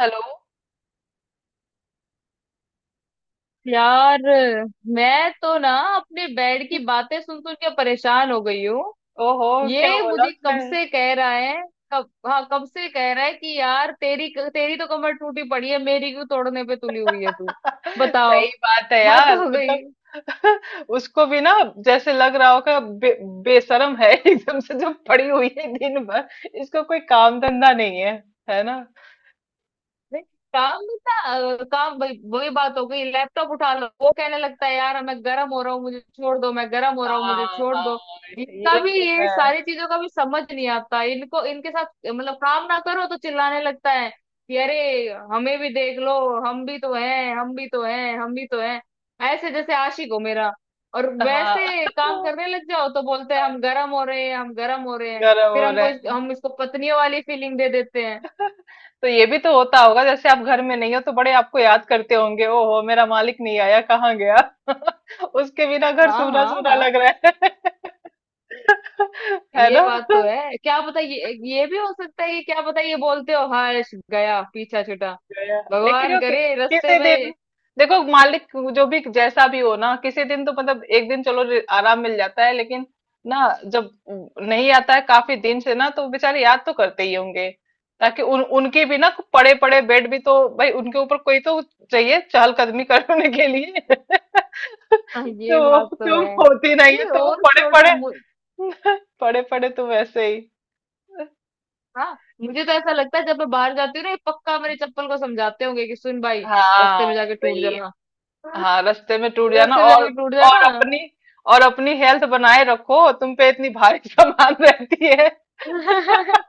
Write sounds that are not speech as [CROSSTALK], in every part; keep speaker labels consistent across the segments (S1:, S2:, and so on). S1: Hello.
S2: यार, मैं तो ना अपने बेड की बातें सुन सुन के परेशान हो गई हूँ।
S1: ओहो। क्या
S2: ये
S1: बोला
S2: मुझे कब
S1: उसने?
S2: से कह रहा है। कब हाँ, कब से कह रहा है कि यार, तेरी तेरी तो कमर टूटी पड़ी है, मेरी क्यों तोड़ने पे तुली हुई है तू।
S1: [LAUGHS]
S2: बताओ,
S1: सही बात है
S2: हद
S1: यार,
S2: हो
S1: मतलब।
S2: गई।
S1: [LAUGHS] उसको भी ना, जैसे लग रहा होगा, बेशरम है। [LAUGHS] एकदम से जो पड़ी हुई है दिन भर, इसको कोई काम धंधा नहीं है, है ना।
S2: नहीं, काम नहीं था। काम वही वही बात हो गई। लैपटॉप उठा लो, वो कहने लगता है यार मैं गर्म हो रहा हूँ मुझे छोड़ दो, मैं गर्म हो रहा हूँ मुझे
S1: हाँ
S2: छोड़
S1: हाँ,
S2: दो। इनका
S1: ये
S2: भी,
S1: तो
S2: ये
S1: है।
S2: सारी चीजों का भी समझ नहीं आता इनको, इनके साथ मतलब काम ना करो तो चिल्लाने लगता है कि अरे हमें भी देख लो, हम भी तो हैं, हम भी तो हैं, हम भी तो हैं। ऐसे जैसे आशिक हो मेरा। और
S1: हाँ
S2: वैसे काम
S1: [LAUGHS]
S2: करने लग जाओ तो बोलते हैं हम गर्म हो रहे हैं, हम गर्म हो रहे हैं।
S1: गर्म
S2: फिर
S1: हो रहे
S2: हमको
S1: हैं।
S2: हम इसको पत्नियों वाली फीलिंग दे देते हैं।
S1: तो ये भी तो होता होगा, जैसे आप घर में नहीं हो तो बड़े आपको याद करते होंगे। ओहो, मेरा मालिक नहीं आया, कहाँ गया। [LAUGHS] उसके बिना घर
S2: हाँ,
S1: सूना
S2: हाँ,
S1: सूना
S2: हाँ,
S1: लग रहा है। [LAUGHS] [LAUGHS] है
S2: ये
S1: ना।
S2: बात तो है। क्या पता, ये भी हो सकता है कि क्या पता, ये बोलते हो हर्ष गया, पीछा छूटा।
S1: गया। लेकिन
S2: भगवान करे रास्ते
S1: किसी
S2: में।
S1: दिन देखो मालिक, जो भी जैसा भी हो ना, किसी दिन तो मतलब एक दिन चलो आराम मिल जाता है, लेकिन ना, जब नहीं आता है काफी दिन से ना, तो बेचारे याद तो करते ही होंगे, ताकि उन उनकी भी ना। पड़े पड़े बेड भी तो भाई, उनके ऊपर कोई तो चाहिए चहलकदमी करने के लिए। [LAUGHS]
S2: हाँ,
S1: तो
S2: ये बात तो
S1: तुम
S2: है।
S1: होती नहीं है
S2: अरे,
S1: तो वो
S2: और
S1: पड़े
S2: छोड़ो
S1: पड़े। [LAUGHS] पड़े पड़े तुम ऐसे [LAUGHS] ही।
S2: हाँ। मुझे तो ऐसा लगता है, जब मैं बाहर जाती हूँ ना ये पक्का मेरे चप्पल को समझाते होंगे कि सुन भाई, रास्ते
S1: हाँ
S2: में जाके टूट
S1: भाई,
S2: जाना,
S1: हाँ रास्ते में टूट जाना,
S2: रास्ते में जाके टूट जाना।
S1: और अपनी और अपनी हेल्थ बनाए रखो, तुम पे इतनी भारी [LAUGHS] सामान रहती है।
S2: [LAUGHS]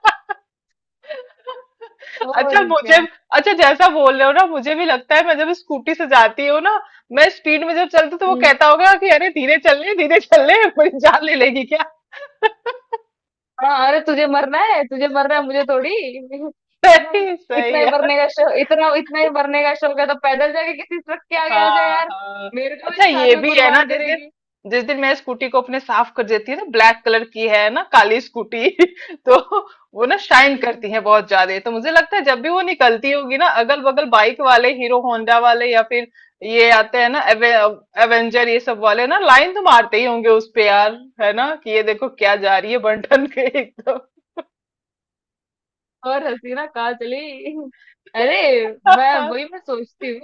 S1: अच्छा
S2: और
S1: मुझे
S2: क्या।
S1: अच्छा जैसा बोल रहे हो ना, मुझे भी लगता है मैं जब स्कूटी से जाती हूँ ना, मैं स्पीड में जब चलती हूँ, तो वो
S2: हम्म।
S1: कहता होगा कि अरे, धीरे चल रहे धीरे चल रहे, मेरी जान ले लेगी क्या।
S2: हाँ, अरे तुझे मरना है, तुझे मरना है, मुझे थोड़ी।
S1: [LAUGHS] सही सही है।
S2: इतना इतना ही मरने का शौक है तो पैदल जाके किसी ट्रक के आगे आ जाए
S1: हाँ
S2: यार।
S1: हाँ।
S2: मेरे को भी
S1: अच्छा
S2: साथ
S1: ये
S2: में
S1: भी है ना।
S2: कुर्बान करेगी।
S1: जिस दिन मैं स्कूटी को अपने साफ कर देती है ना, ब्लैक कलर की है ना, काली स्कूटी। [LAUGHS] तो वो ना शाइन करती है बहुत ज्यादा, तो मुझे लगता है जब भी वो निकलती होगी ना, अगल बगल बाइक वाले हीरो होंडा वाले या फिर ये आते हैं ना एवेंजर, ये सब वाले ना लाइन तो मारते ही होंगे उस पे यार, है ना, कि ये देखो क्या जा रही है बंटन के एकदम।
S2: और हसीना कहाँ चली। अरे,
S1: [LAUGHS]
S2: मैं सोचती हूँ,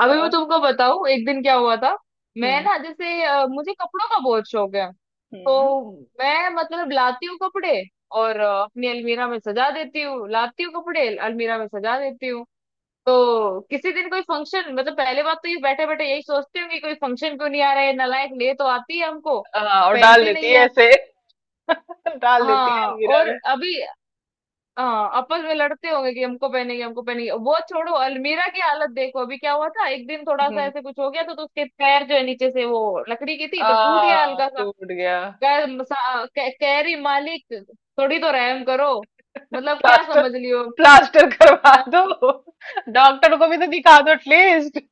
S2: अभी मैं तुमको बताऊँ एक दिन क्या हुआ था। मैं
S1: हम्म
S2: ना जैसे मुझे कपड़ों का बहुत शौक है।
S1: हम्म।
S2: तो मैं मतलब लाती हूँ कपड़े और अपनी अलमीरा में सजा देती हूँ, लाती हूँ कपड़े अलमीरा में सजा देती हूँ। तो किसी दिन कोई फंक्शन, मतलब पहले बात तो ये बैठे बैठे यही सोचते होंगे कोई फंक्शन क्यों नहीं आ रहा है, नलायक ले तो आती है हमको,
S1: हाँ और डाल
S2: पहनती
S1: देती
S2: नहीं
S1: है
S2: है।
S1: ऐसे। [LAUGHS] डाल देती है
S2: हाँ,
S1: अलमीरा
S2: और
S1: में।
S2: अभी हाँ, आपस में लड़ते होंगे कि हमको पहनेगी, हमको पहनेगी, वो छोड़ो, अलमीरा की हालत देखो। अभी क्या हुआ था एक दिन थोड़ा सा
S1: हम्म।
S2: ऐसे कुछ हो गया तो उसके पैर जो है नीचे से, वो लकड़ी की थी, तो टूट गया हल्का सा।
S1: टूट गया।
S2: कह रही मालिक, थोड़ी तो रहम करो। मतलब क्या
S1: प्लास्टर,
S2: समझ लियो।
S1: प्लास्टर करवा दो, डॉक्टर को भी तो दिखा दो एटलीस्ट।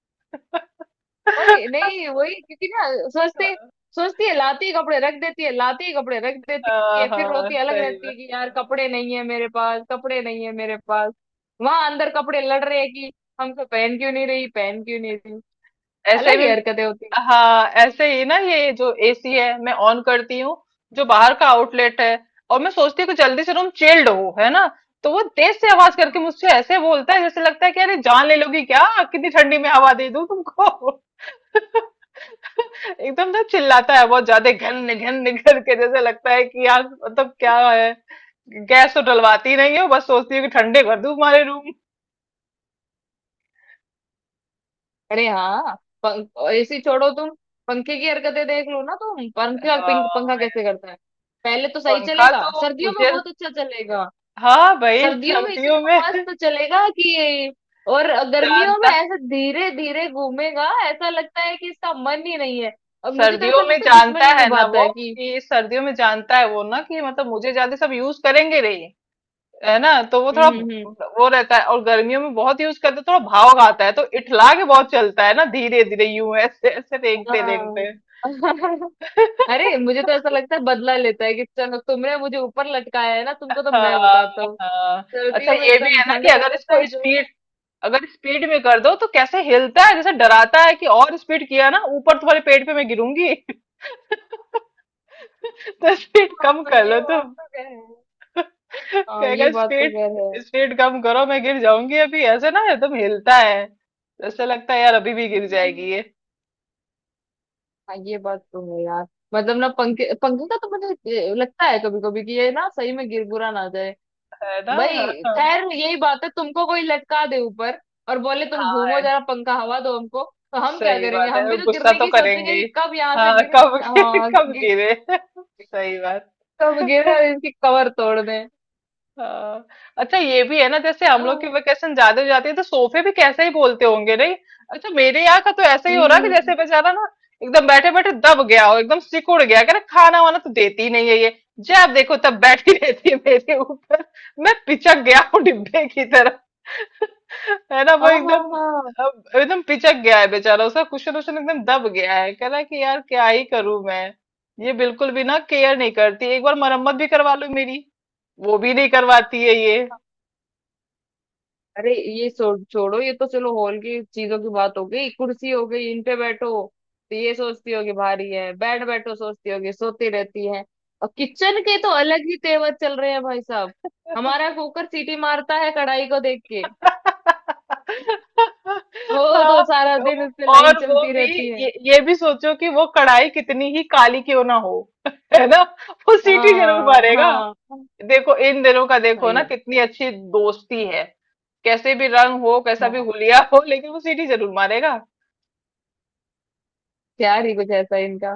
S2: वही नहीं, वही क्योंकि ना सोचते सोचती है, लाती है कपड़े रख देती है, लाती है कपड़े रख देती
S1: हाँ
S2: है, फिर
S1: हाँ,
S2: रोती अलग
S1: सही
S2: रहती
S1: में।
S2: है कि यार कपड़े नहीं है मेरे पास, कपड़े नहीं है मेरे पास। वहां अंदर कपड़े लड़ रहे हैं कि हमको पहन क्यों नहीं रही, पहन क्यों नहीं रही।
S1: ऐसे
S2: अलग ही
S1: भी।
S2: हरकतें होती हैं।
S1: हाँ ऐसे ही ना, ये जो एसी है मैं ऑन करती हूँ, जो बाहर का आउटलेट है, और मैं सोचती हूँ कि जल्दी से रूम चिल्ड हो, है ना, तो वो तेज से आवाज करके मुझसे ऐसे बोलता है जैसे लगता है कि अरे, जान ले लोगी क्या, कितनी ठंडी में हवा दे दूँ तुमको। [LAUGHS] एकदम ना चिल्लाता है बहुत ज्यादा घन घन करके, जैसे लगता है कि यार मतलब क्या है, गैस तो डलवाती ही नहीं हो, बस सोचती हूँ कि ठंडे कर दूं हमारे रूम।
S2: अरे, हाँ, पंख ऐसी छोड़ो तुम, पंखे की हरकतें देख लो ना तुम, पंखा पिंक पंखा
S1: हाँ
S2: कैसे
S1: यार,
S2: करता है। पहले तो सही
S1: पंखा
S2: चलेगा,
S1: तो
S2: सर्दियों में
S1: मुझे,
S2: बहुत अच्छा चलेगा,
S1: हाँ भाई
S2: सर्दियों में
S1: सर्दियों
S2: इतना
S1: में। [LAUGHS]
S2: मस्त चलेगा कि, और गर्मियों में
S1: जानता
S2: ऐसा धीरे धीरे घूमेगा, ऐसा लगता है कि इसका मन ही नहीं है। और मुझे तो ऐसा
S1: सर्दियों में
S2: लगता है
S1: जानता
S2: दुश्मन ही
S1: है ना
S2: निभाता
S1: वो,
S2: है कि।
S1: कि सर्दियों में जानता है वो ना, कि मतलब मुझे ज्यादा सब यूज करेंगे नहीं, है ना, तो वो थोड़ा,
S2: हम्म, हम्म, हम्म।
S1: वो रहता है, और गर्मियों में बहुत यूज करते हैं, थोड़ा भाव आता है तो इठला के बहुत चलता है ना, धीरे धीरे यूं ऐसे ऐसे रेंगते रेंगते।
S2: हाँ। [LAUGHS]
S1: [LAUGHS]
S2: अरे, मुझे तो ऐसा लगता है बदला लेता है कि चलो तुमने मुझे ऊपर लटकाया है ना, तुमको तो मैं बताता
S1: हाँ
S2: हूँ,
S1: हाँ। अच्छा
S2: सर्दियों में
S1: ये भी
S2: एकदम
S1: है ना कि
S2: ठंड कर
S1: अगर
S2: देता है
S1: इसको
S2: जो।
S1: स्पीड अगर स्पीड में कर दो तो कैसे हिलता है, जैसे डराता है कि और स्पीड किया ना ऊपर तुम्हारे पेट पे मैं गिरूंगी। [LAUGHS] तो स्पीड कम
S2: हाँ,
S1: कर लो
S2: ये बात
S1: तुम।
S2: तो कह हाँ,
S1: कहेगा
S2: ये बात तो
S1: स्पीड
S2: कह रहे
S1: स्पीड कम करो, मैं गिर जाऊंगी, अभी ऐसे ना एकदम हिलता है, ऐसा लगता है यार अभी भी गिर
S2: हैं।
S1: जाएगी ये।
S2: हाँ, ये बात तो है यार। मतलब ना, पंखे पंखे का तो मुझे लगता है कभी कभी कि ये ना सही में गिरगुरा ना।
S1: है ना। हाँ
S2: भाई
S1: हाँ।
S2: खैर यही बात है, तुमको कोई लटका दे ऊपर और बोले तुम घूमो
S1: हाँ,
S2: जरा, पंखा हवा दो हमको, तो हम क्या
S1: सही
S2: करेंगे,
S1: बात
S2: हम
S1: है,
S2: भी तो
S1: गुस्सा
S2: गिरने
S1: तो
S2: की सोचेंगे
S1: करेंगे
S2: कि
S1: ही।
S2: कब यहाँ से
S1: हाँ
S2: गिरे।
S1: कब। [LAUGHS]
S2: हाँ
S1: कब गिरे। [LAUGHS] सही बात।
S2: कब गिरे और इसकी कवर तोड़ दें।
S1: हाँ। अच्छा ये भी है ना, जैसे हम
S2: हाँ,
S1: लोग की वेकेशन ज्यादा हो जाती है तो सोफे भी कैसे ही बोलते होंगे नहीं। अच्छा मेरे यहाँ का तो ऐसा ही हो
S2: हम्म,
S1: रहा है कि
S2: हम्म।
S1: जैसे बेचारा ना, एकदम बैठे बैठे दब गया हो, एकदम सिकुड़ गया, कह रहा खाना वाना तो देती ही नहीं है ये, जब देखो तब बैठी रहती है मेरे ऊपर, मैं पिचक गया हूँ डिब्बे की तरह। [LAUGHS] है ना, वो
S2: हाँ, हाँ,
S1: एकदम
S2: हाँ।
S1: अब एकदम पिचक गया है बेचारा, उसका कुशन उशन एकदम दब गया है, कह रहा है कि यार क्या ही करूं मैं, ये बिल्कुल भी ना केयर नहीं करती, एक बार मरम्मत भी करवा लो मेरी, वो भी नहीं करवाती है ये।
S2: अरे ये छोड़ छोड़ो, ये तो चलो हॉल की चीजों की बात हो गई, कुर्सी हो गई, इन पे बैठो तो ये सोचती होगी भारी है, बेड बैठो सोचती होगी, सोती रहती है। और किचन के तो अलग ही तेवर चल रहे हैं भाई साहब। हमारा कुकर सीटी मारता है कढ़ाई को देख के, वो
S1: हाँ,
S2: तो सारा दिन
S1: तो-
S2: उससे लाइन
S1: और वो
S2: चलती
S1: भी,
S2: रहती है।
S1: ये भी सोचो कि वो कढ़ाई कितनी ही काली क्यों ना हो, है ना, वो सीटी जरूर
S2: हाँ,
S1: मारेगा।
S2: हाँ,
S1: देखो इन दिनों का देखो
S2: सही
S1: ना
S2: है।
S1: कितनी अच्छी दोस्ती है, कैसे भी रंग हो कैसा भी
S2: हाँ,
S1: हुलिया हो, लेकिन वो सीटी जरूर मारेगा।
S2: प्यार ही कुछ ऐसा है इनका।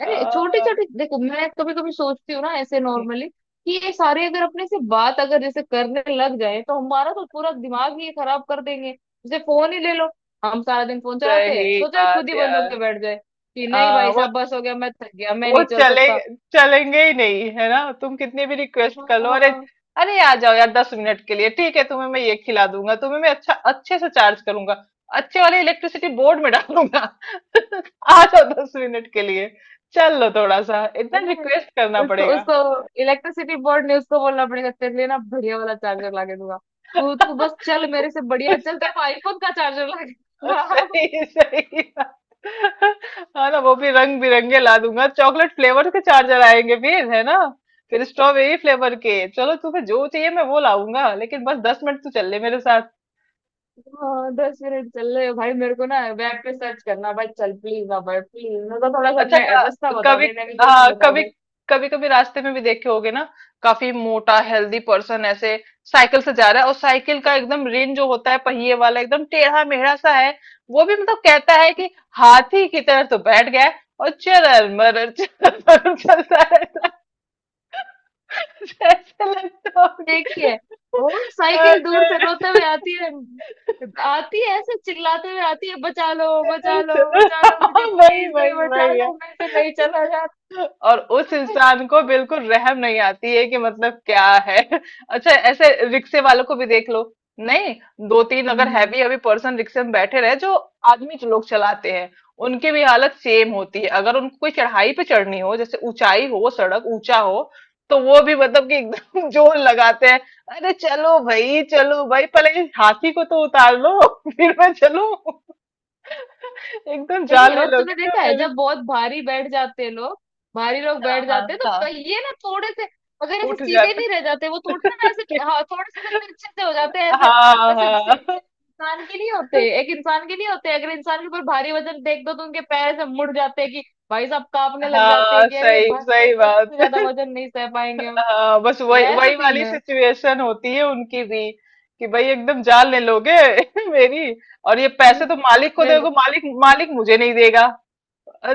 S2: अरे, छोटे
S1: हाँ,
S2: छोटे देखो, मैं कभी कभी सोचती हूँ ना ऐसे नॉर्मली कि ये सारे अगर अपने से बात अगर जैसे करने लग जाए तो हमारा तो पूरा दिमाग ही खराब कर देंगे। जैसे फोन ही ले लो, हम सारा दिन फोन चलाते हैं,
S1: सही
S2: सोचो ये खुद
S1: बात
S2: ही बंद
S1: यार।
S2: होके बैठ जाए कि नहीं
S1: हाँ,
S2: भाई
S1: वो
S2: साहब, बस हो गया, मैं थक गया, मैं
S1: वो
S2: नहीं चल
S1: चले,
S2: सकता।
S1: चलेंगे ही नहीं, है ना, तुम कितनी भी रिक्वेस्ट कर लो। अरे,
S2: हाँ।
S1: अरे आ जाओ यार दस मिनट के लिए, ठीक है तुम्हें मैं ये खिला दूंगा, तुम्हें मैं अच्छे से चार्ज करूंगा, अच्छे वाले इलेक्ट्रिसिटी बोर्ड में डालूंगा। [LAUGHS] आ जाओ दस मिनट के लिए, चल लो थोड़ा सा, इतना
S2: अरे
S1: रिक्वेस्ट करना
S2: उसको
S1: पड़ेगा।
S2: उसको इलेक्ट्रिसिटी बोर्ड ने उसको बोलना पड़ेगा तेरे लिए ना बढ़िया वाला चार्जर ला के दूंगा, तू तू बस चल, मेरे से बढ़िया चल
S1: [LAUGHS]
S2: तेरे को आईफोन का चार्जर ला के दूंगा।
S1: सही सही बात। हाँ ना, वो भी रंग बिरंगे ला दूंगा, चॉकलेट फ्लेवर के चार्जर आएंगे फिर है ना, फिर स्ट्रॉबेरी फ्लेवर के, चलो तुम्हें जो चाहिए मैं वो लाऊंगा, लेकिन बस दस मिनट तो चल ले मेरे।
S2: हाँ, 10 मिनट चल रहे हो भाई, मेरे को ना वेब पे सर्च करना भाई, चल प्लीज ना भाई, प्लीज मेरे को थोड़ा सा
S1: अच्छा
S2: रास्ता बता
S1: कभी,
S2: दे, नेविगेशन
S1: हाँ
S2: बता
S1: कभी
S2: दे।
S1: कभी कभी रास्ते में भी देखे होगे ना, काफी मोटा हेल्दी पर्सन ऐसे साइकिल से जा रहा है, और साइकिल का एकदम रिम जो होता है पहिए वाला एकदम टेढ़ा मेढ़ा सा है, वो भी मतलब कहता है कि हाथी की तरह तो बैठ गया है, और चरल मरल चलता रहता है, ऐसा लगता
S2: ठीक
S1: होगा।
S2: ही है, वो साइकिल दूर से
S1: अरे
S2: रोते हुए आती है, आती है ऐसे चिल्लाते हुए आती है, बचा लो, बचा लो,
S1: चलो
S2: बचा लो मुझे
S1: हाँ, वही
S2: प्लीज, कोई
S1: वही
S2: बचा
S1: वही है,
S2: लो, मैं तो नहीं चला जाता।
S1: और उस इंसान को बिल्कुल रहम नहीं आती है कि मतलब क्या है। [LAUGHS] अच्छा ऐसे रिक्शे वालों को भी देख लो, नहीं, दो तीन अगर
S2: हम्म।
S1: हैवी अभी पर्सन रिक्शे में बैठे रहे जो, आदमी जो लोग चलाते हैं, उनकी भी हालत सेम होती है, अगर उनको कोई चढ़ाई पे चढ़नी हो, जैसे ऊंचाई हो, सड़क ऊंचा हो, तो वो भी मतलब कि एकदम [LAUGHS] जोर लगाते हैं। अरे चलो भाई चलो भाई, पहले इस हाथी को तो उतार लो। [LAUGHS] फिर मैं चलूं। [LAUGHS] एकदम जान
S2: नहीं,
S1: ले
S2: और तुमने
S1: लोगे तो
S2: देखा है
S1: मेरे।
S2: जब बहुत भारी बैठ जाते हैं लोग, भारी लोग
S1: हाँ
S2: बैठ
S1: हाँ
S2: जाते हैं तो
S1: हाँ।
S2: पहिए ना थोड़े से, अगर ऐसे
S1: उठ
S2: सीधे
S1: जाते,
S2: नहीं रह जाते, वो थोड़े से ना ऐसे, हाँ, थोड़े से तिरछे से हो जाते हैं ऐसे।
S1: हाँ
S2: ऐसे जैसे
S1: हाँ
S2: इंसान के लिए होते हैं, एक इंसान के लिए होते हैं, अगर इंसान के ऊपर भारी वजन देख दो तो उनके पैर ऐसे मुड़ जाते हैं कि भाई साहब कांपने लग जाते
S1: हाँ।
S2: हैं कि अरे
S1: सही
S2: बस
S1: सही
S2: बस बस
S1: बात।
S2: इससे ज्यादा वजन नहीं सह पाएंगे हम।
S1: हाँ, बस वही
S2: वैसा
S1: वही
S2: सीन
S1: वाली
S2: है।
S1: सिचुएशन होती है उनकी भी, कि भाई एकदम जान ले लोगे। [LAUGHS] मेरी। और ये पैसे तो
S2: [LAUGHS]
S1: मालिक को दोगे,
S2: अरे,
S1: मालिक, मालिक मुझे नहीं देगा,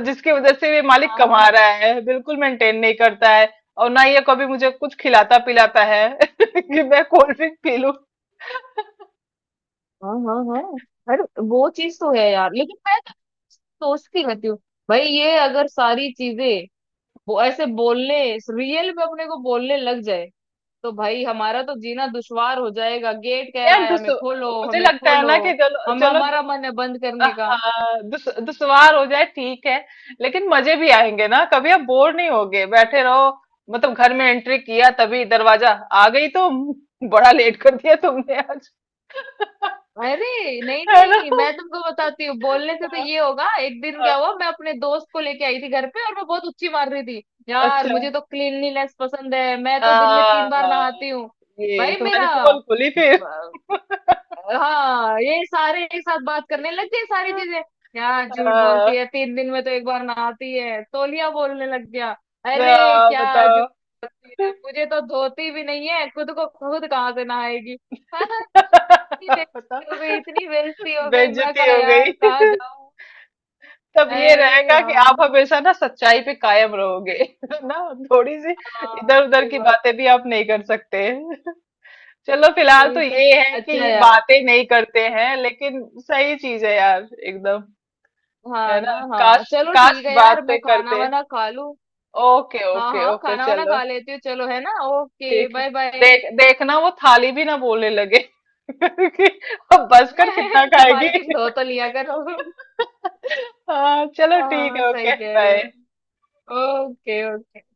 S1: जिसकी वजह से ये मालिक
S2: हाँ,
S1: कमा
S2: हाँ,
S1: रहा है बिल्कुल मेंटेन नहीं करता है, और ना ये कभी मुझे कुछ खिलाता पिलाता है। [LAUGHS] कि मैं कोल्ड ड्रिंक पी लूं।
S2: हाँ, हाँ, हाँ, हाँ। अरे, वो चीज तो है यार, लेकिन मैं सोचती रहती हूँ भाई ये अगर सारी चीजें, वो ऐसे बोलने रियल में अपने को बोलने लग जाए तो भाई हमारा तो जीना दुश्वार हो जाएगा। गेट कह रहा
S1: यार
S2: है हमें
S1: दूसरों
S2: खोलो,
S1: मुझे
S2: हमें
S1: लगता है
S2: खोलो,
S1: ना कि चलो
S2: हम,
S1: चलो,
S2: हमारा मन है बंद करने का।
S1: हाँ दुश्वार हो जाए ठीक है, लेकिन मजे भी आएंगे ना, कभी आप बोर नहीं होगे बैठे रहो, मतलब घर में एंट्री किया तभी दरवाजा, आ गई तुम। [LAUGHS] बड़ा लेट कर दिया तुमने आज। [LAUGHS]
S2: अरे नहीं
S1: है ना।
S2: नहीं, मैं तुमको बताती हूँ, बोलने से तो
S1: हाँ,
S2: ये होगा। एक दिन क्या
S1: हाँ,
S2: हुआ मैं अपने दोस्त को लेके आई थी घर पे, और मैं बहुत उच्ची मार रही थी, यार
S1: अच्छा।
S2: मुझे तो क्लीनलीनेस पसंद है, मैं तो दिन में 3 बार
S1: हाँ,
S2: नहाती हूँ।
S1: ये
S2: भाई मेरा,
S1: तुम्हारी पोल खुली फिर। [LAUGHS]
S2: हाँ, ये सारे एक साथ बात करने लग गए सारी चीजें, यार झूठ
S1: हाँ
S2: बोलती है, 3 दिन में तो एक बार नहाती है, तौलिया बोलने लग गया। अरे,
S1: हाँ,
S2: क्या झूठ
S1: बताओ।
S2: बोलती है,
S1: [LAUGHS]
S2: मुझे तो धोती भी नहीं है खुद को, खुद कहाँ से नहाएगी। हाँ, इतनी बेइज्जती
S1: बताओ,
S2: हो गई, इतनी बेइज्जती हो गई, मैं
S1: बेइज्जती
S2: कहा
S1: हो
S2: यार कहाँ
S1: गई। [LAUGHS]
S2: जाऊं।
S1: तब ये
S2: अरे
S1: रहेगा कि
S2: यार,
S1: आप हमेशा ना सच्चाई पे कायम रहोगे। [LAUGHS] ना, थोड़ी सी
S2: हाँ,
S1: इधर उधर
S2: सही
S1: की
S2: बात
S1: बातें
S2: है,
S1: भी आप नहीं कर सकते। [LAUGHS] चलो फिलहाल तो
S2: वही तो,
S1: ये है कि
S2: अच्छा
S1: ये
S2: यार,
S1: बातें नहीं करते हैं, लेकिन सही चीज है यार एकदम। है
S2: हाँ
S1: ना,
S2: ना, हाँ,
S1: काश,
S2: चलो
S1: काश
S2: ठीक है यार, मैं
S1: बातें
S2: खाना
S1: करते,
S2: वाना खा लूं।
S1: ओके
S2: हाँ,
S1: ओके
S2: हाँ,
S1: ओके
S2: खाना वाना
S1: चलो,
S2: खा लेती हूँ, चलो है ना, ओके,
S1: ठीक है।
S2: Bye bye.
S1: देखना वो थाली भी ना बोलने लगे [LAUGHS] कि अब बस कर कितना
S2: [LAUGHS] कि
S1: खाएगी।
S2: मालकिन धो तो लिया करो।
S1: [LAUGHS] हाँ चलो ठीक
S2: हाँ,
S1: है
S2: सही
S1: ओके
S2: कह रहे
S1: बाय।
S2: हो, ओके, ओके।